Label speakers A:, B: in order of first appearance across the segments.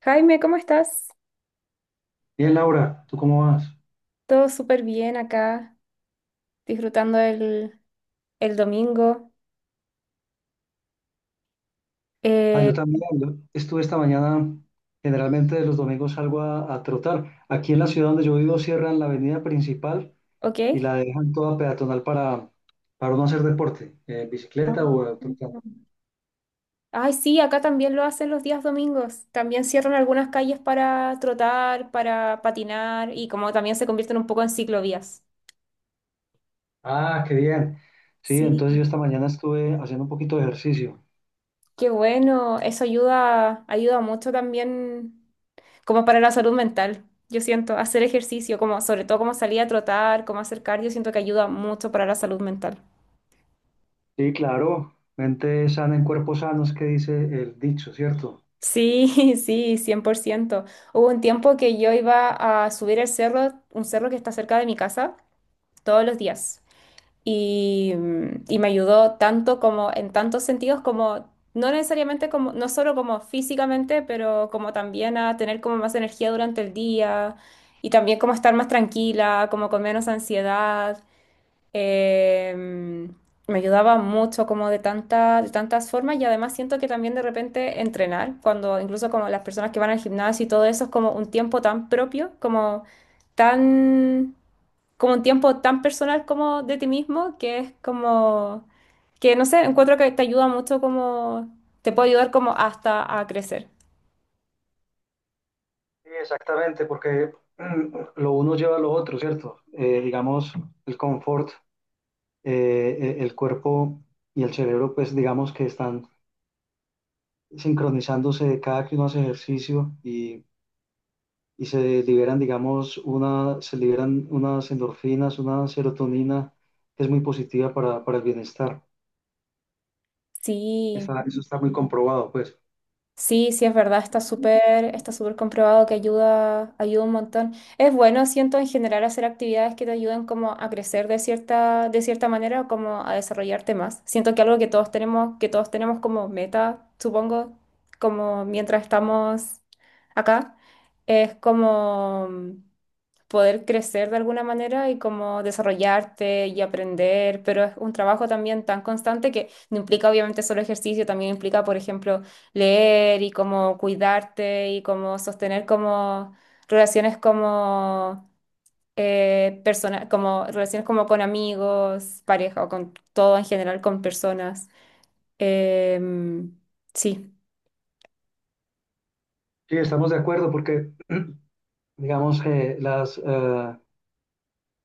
A: Jaime, ¿cómo estás?
B: Bien, Laura, ¿tú cómo vas?
A: Todo súper bien acá, disfrutando el domingo.
B: Ah,
A: Eh,
B: yo también. Yo estuve esta mañana, generalmente los domingos salgo a trotar. Aquí en la ciudad donde yo vivo cierran la avenida principal
A: ¿Ok?
B: y la dejan toda peatonal para uno hacer deporte, bicicleta o
A: Ah.
B: trotar.
A: Ay, sí, acá también lo hacen los días domingos. También cierran algunas calles para trotar, para patinar y como también se convierten un poco en ciclovías.
B: Ah, qué bien. Sí, entonces yo
A: Sí,
B: esta mañana estuve haciendo un poquito de ejercicio.
A: qué bueno, eso ayuda, ayuda mucho también como para la salud mental. Yo siento hacer ejercicio, como sobre todo como salir a trotar, como hacer cardio, siento que ayuda mucho para la salud mental.
B: Sí, claro, mente sana en cuerpo sano es que dice el dicho, ¿cierto?
A: Sí, sí, 100%. Hubo un tiempo que yo iba a subir el cerro, un cerro que está cerca de mi casa, todos los días. Y me ayudó tanto como en tantos sentidos como, no necesariamente como, no solo como físicamente, pero como también a tener como más energía durante el día y también como estar más tranquila, como con menos ansiedad. Em, Me ayudaba mucho como de tantas, formas y además siento que también de repente entrenar, cuando incluso como las personas que van al gimnasio y todo eso es como un tiempo tan propio, tan, como un tiempo tan personal como de ti mismo, que es como, que no sé, encuentro que te ayuda mucho como, te puede ayudar como hasta a crecer.
B: Sí, exactamente, porque lo uno lleva a lo otro, ¿cierto? Digamos, el confort. El cuerpo y el cerebro, pues digamos que están sincronizándose cada que uno hace ejercicio y se liberan, digamos, se liberan unas endorfinas, una serotonina que es muy positiva para el bienestar.
A: Sí.
B: Eso está muy comprobado, pues.
A: Sí, sí, es verdad, está súper comprobado que ayuda, ayuda un montón. Es bueno, siento, en general hacer actividades que te ayuden como a crecer de cierta, manera o como a desarrollarte más. Siento que algo que todos tenemos como meta, supongo, como mientras estamos acá, es como poder crecer de alguna manera y como desarrollarte y aprender, pero es un trabajo también tan constante que no implica obviamente solo ejercicio, también implica, por ejemplo, leer y como cuidarte y como sostener como relaciones como como relaciones como con amigos, pareja o con todo en general, con personas. Em, sí,
B: Sí, estamos de acuerdo porque, digamos que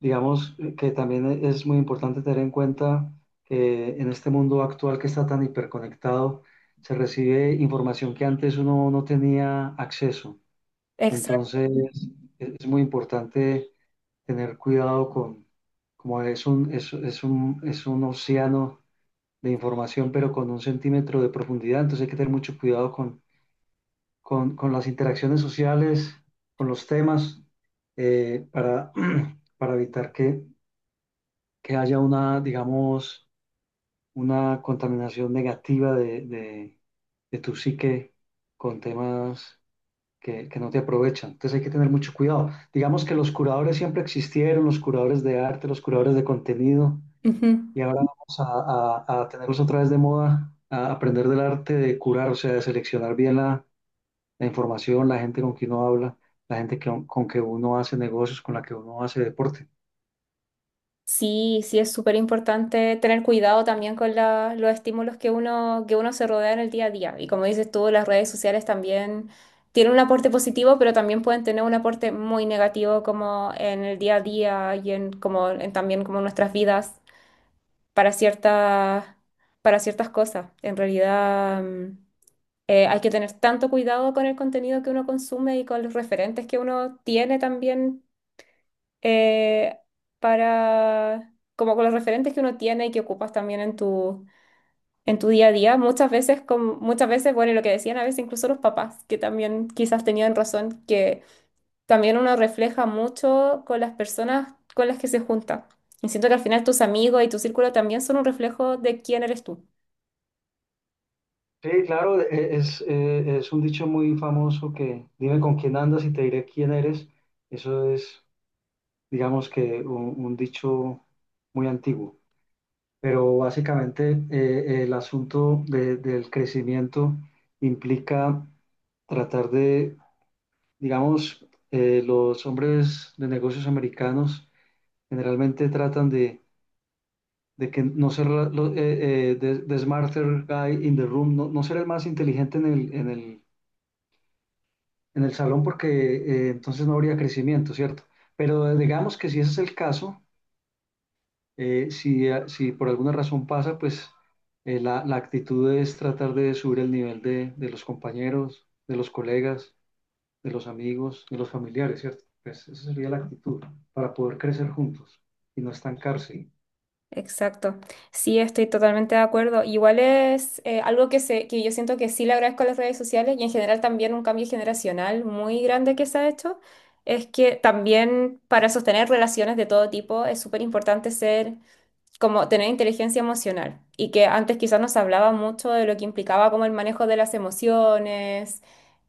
B: Que también es muy importante tener en cuenta que en este mundo actual que está tan hiperconectado, se recibe información que antes uno no tenía acceso.
A: exacto.
B: Entonces, es muy importante tener cuidado como es un océano de información, pero con un centímetro de profundidad. Entonces, hay que tener mucho cuidado con las interacciones sociales, con los temas, eh, para, para evitar que haya una, digamos, una contaminación negativa de tu psique con temas que no te aprovechan. Entonces hay que tener mucho cuidado. Digamos que los curadores siempre existieron, los curadores de arte, los curadores de contenido,
A: Ujú.
B: y ahora vamos a tenerlos otra vez de moda, a aprender del arte de curar, o sea, de seleccionar bien la información, la gente con quien uno habla, la gente con que uno hace negocios, con la que uno hace deporte.
A: Sí, sí es súper importante tener cuidado también con los estímulos que uno se rodea en el día a día. Y como dices tú, las redes sociales también tienen un aporte positivo, pero también pueden tener un aporte muy negativo como en el día a día y en, como, en también como nuestras vidas para ciertas, para ciertas cosas. En realidad, hay que tener tanto cuidado con el contenido que uno consume y con los referentes que uno tiene también eh, para, como con los referentes que uno tiene y que ocupas también en tu día a día. Muchas veces, como, muchas veces, bueno, y lo que decían a veces incluso los papás, que también quizás tenían razón, que también uno refleja mucho con las personas con las que se junta. Y siento que al final tus amigos y tu círculo también son un reflejo de quién eres tú.
B: Sí, claro, es un dicho muy famoso que dime con quién andas y te diré quién eres. Eso es, digamos que un dicho muy antiguo. Pero básicamente el asunto del crecimiento implica tratar de, digamos, los hombres de negocios americanos generalmente tratan de que no ser the, smarter guy in the room, no, no ser el más inteligente en el, en el salón porque entonces no habría crecimiento, ¿cierto? Pero digamos que si ese es el caso, si por alguna razón pasa, pues la actitud es tratar de subir el nivel de los compañeros, de los colegas, de los amigos, de los familiares, ¿cierto? Pues esa sería la actitud para poder crecer juntos y no estancarse.
A: Exacto. Sí, estoy totalmente de acuerdo. Igual es algo que, se, que yo siento que sí le agradezco a las redes sociales y en general también un cambio generacional muy grande que se ha hecho. Es que también para sostener relaciones de todo tipo es súper importante ser como tener inteligencia emocional y que antes quizás nos hablaba mucho de lo que implicaba como el manejo de las emociones,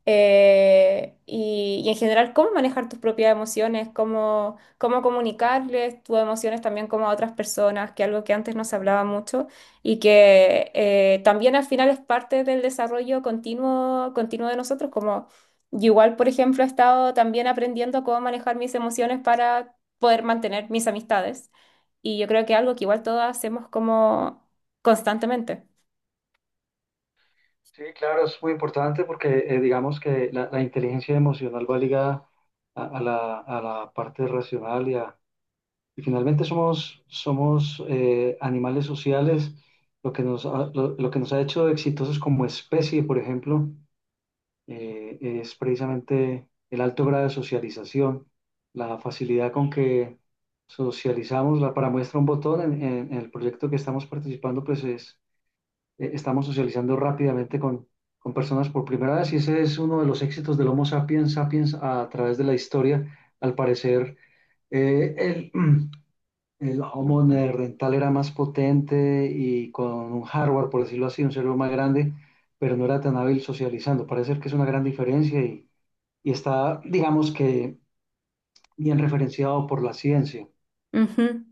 A: y en general cómo manejar tus propias emociones, cómo, cómo comunicarles tus emociones también como a otras personas, que algo que antes no se hablaba mucho y que también al final es parte del desarrollo continuo, de nosotros, como yo igual, por ejemplo, he estado también aprendiendo cómo manejar mis emociones para poder mantener mis amistades y yo creo que algo que igual todos hacemos como constantemente.
B: Sí, claro, es muy importante porque digamos que la inteligencia emocional va ligada a la parte racional y finalmente somos animales sociales, lo que lo que nos ha hecho exitosos como especie, por ejemplo, es precisamente el alto grado de socialización, la facilidad con que socializamos, para muestra un botón, en el proyecto que estamos participando, pues es, estamos socializando rápidamente con personas por primera vez y ese es uno de los éxitos del Homo sapiens sapiens a través de la historia, al parecer eh, el, el Harmony rental era más potente y con un hardware, por decirlo así, un cerebro más grande, pero no era tan hábil socializando. Parece ser que es una gran diferencia y está, digamos que, bien referenciado por la ciencia.
A: Ujú.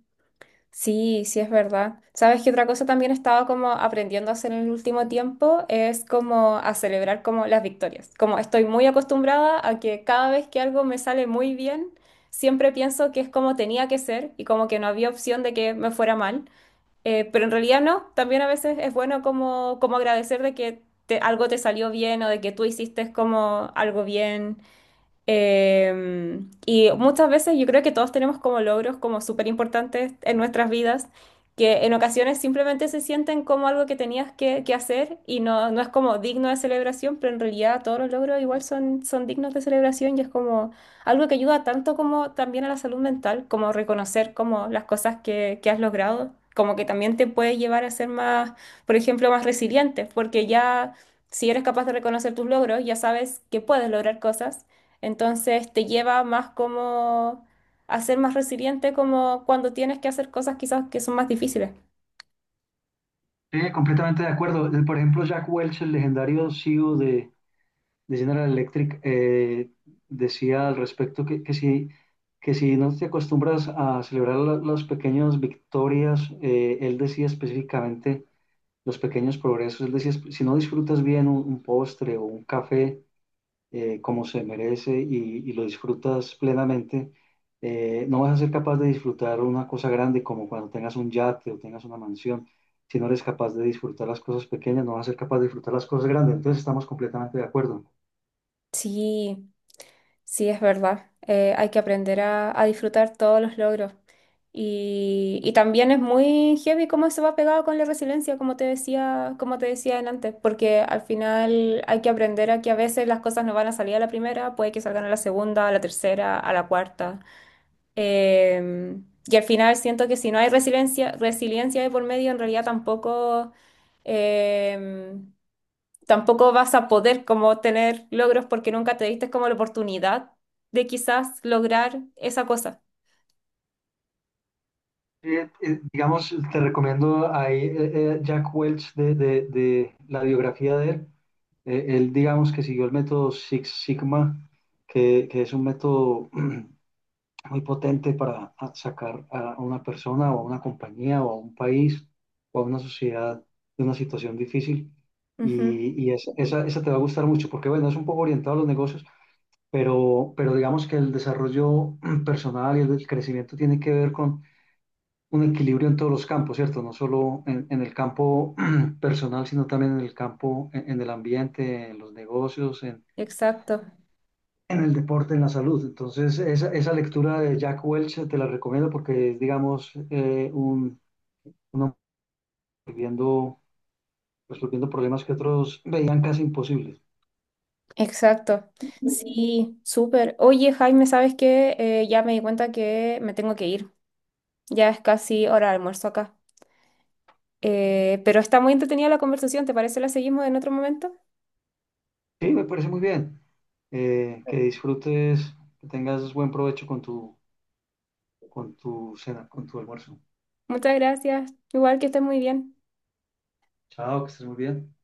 A: Sí, sí es verdad. ¿Sabes qué otra cosa también he estado como aprendiendo a hacer en el último tiempo? Es como a celebrar como las victorias. Como estoy muy acostumbrada a que cada vez que algo me sale muy bien, siempre pienso que es como tenía que ser y como que no había opción de que me fuera mal. Pero en realidad no, también a veces es bueno como, como agradecer de que algo te salió bien o de que tú hiciste como algo bien. Y muchas veces yo creo que todos tenemos como logros como súper importantes en nuestras vidas, que en ocasiones simplemente se sienten como algo que tenías que hacer y no, no es como digno de celebración, pero en realidad todos los logros igual son, son dignos de celebración y es como algo que ayuda tanto como también a la salud mental, como reconocer como las cosas que has logrado, como que también te puede llevar a ser más, por ejemplo, más resiliente, porque ya si eres capaz de reconocer tus logros, ya sabes que puedes lograr cosas entonces te lleva más como a ser más resiliente como cuando tienes que hacer cosas quizás que son más difíciles.
B: Sí, completamente de acuerdo. Por ejemplo, Jack Welch, el legendario CEO de General Electric, decía al respecto que si no te acostumbras a celebrar las pequeñas victorias, él decía específicamente los pequeños progresos. Es decir, si no disfrutas bien un postre o un café como se merece y lo disfrutas plenamente, no vas a ser capaz de disfrutar una cosa grande como cuando tengas un yate o tengas una mansión. Si no eres capaz de disfrutar las cosas pequeñas, no vas a ser capaz de disfrutar las cosas grandes. Entonces estamos completamente de acuerdo.
A: Sí, sí, es verdad. Hay que aprender a disfrutar todos los logros. Y también es muy heavy cómo eso va pegado con la resiliencia, como te decía antes, porque al final hay que aprender a que a veces las cosas no van a salir a la primera, puede que salgan a la segunda, a la tercera, a la cuarta. Eh, y al final siento que si no hay resiliencia, de por medio, en realidad eh, tampoco vas a poder como tener logros porque nunca te diste como la oportunidad de quizás lograr esa cosa.
B: Digamos, te recomiendo ahí Jack Welch de la biografía de él. Él, digamos que siguió el método Six Sigma, que es un método muy potente para sacar a una persona o a una compañía o a un país o a una sociedad de una situación difícil.
A: Ujú.
B: Esa, esa te va a gustar mucho porque, bueno, es un poco orientado a los negocios, pero digamos que el desarrollo personal y el crecimiento tiene que ver con un equilibrio en todos los campos, ¿cierto? No solo en el campo personal, sino también en el campo, en el ambiente, en los negocios,
A: Exacto,
B: en el deporte, en la salud. Entonces, esa lectura de Jack Welch te la recomiendo porque es, digamos, un hombre resolviendo, resolviendo problemas que otros veían casi imposibles.
A: exacto. Sí, súper. Oye, Jaime, ¿sabes qué? Ya me di cuenta que me tengo que ir. Ya es casi hora de almuerzo acá. Pero está muy entretenida la conversación, ¿te parece? ¿La seguimos en otro momento?
B: Sí, me parece muy bien. Que disfrutes, que tengas buen provecho con tu cena, con tu almuerzo.
A: Muchas gracias. Igual que estés muy bien.
B: Chao, que estés muy bien.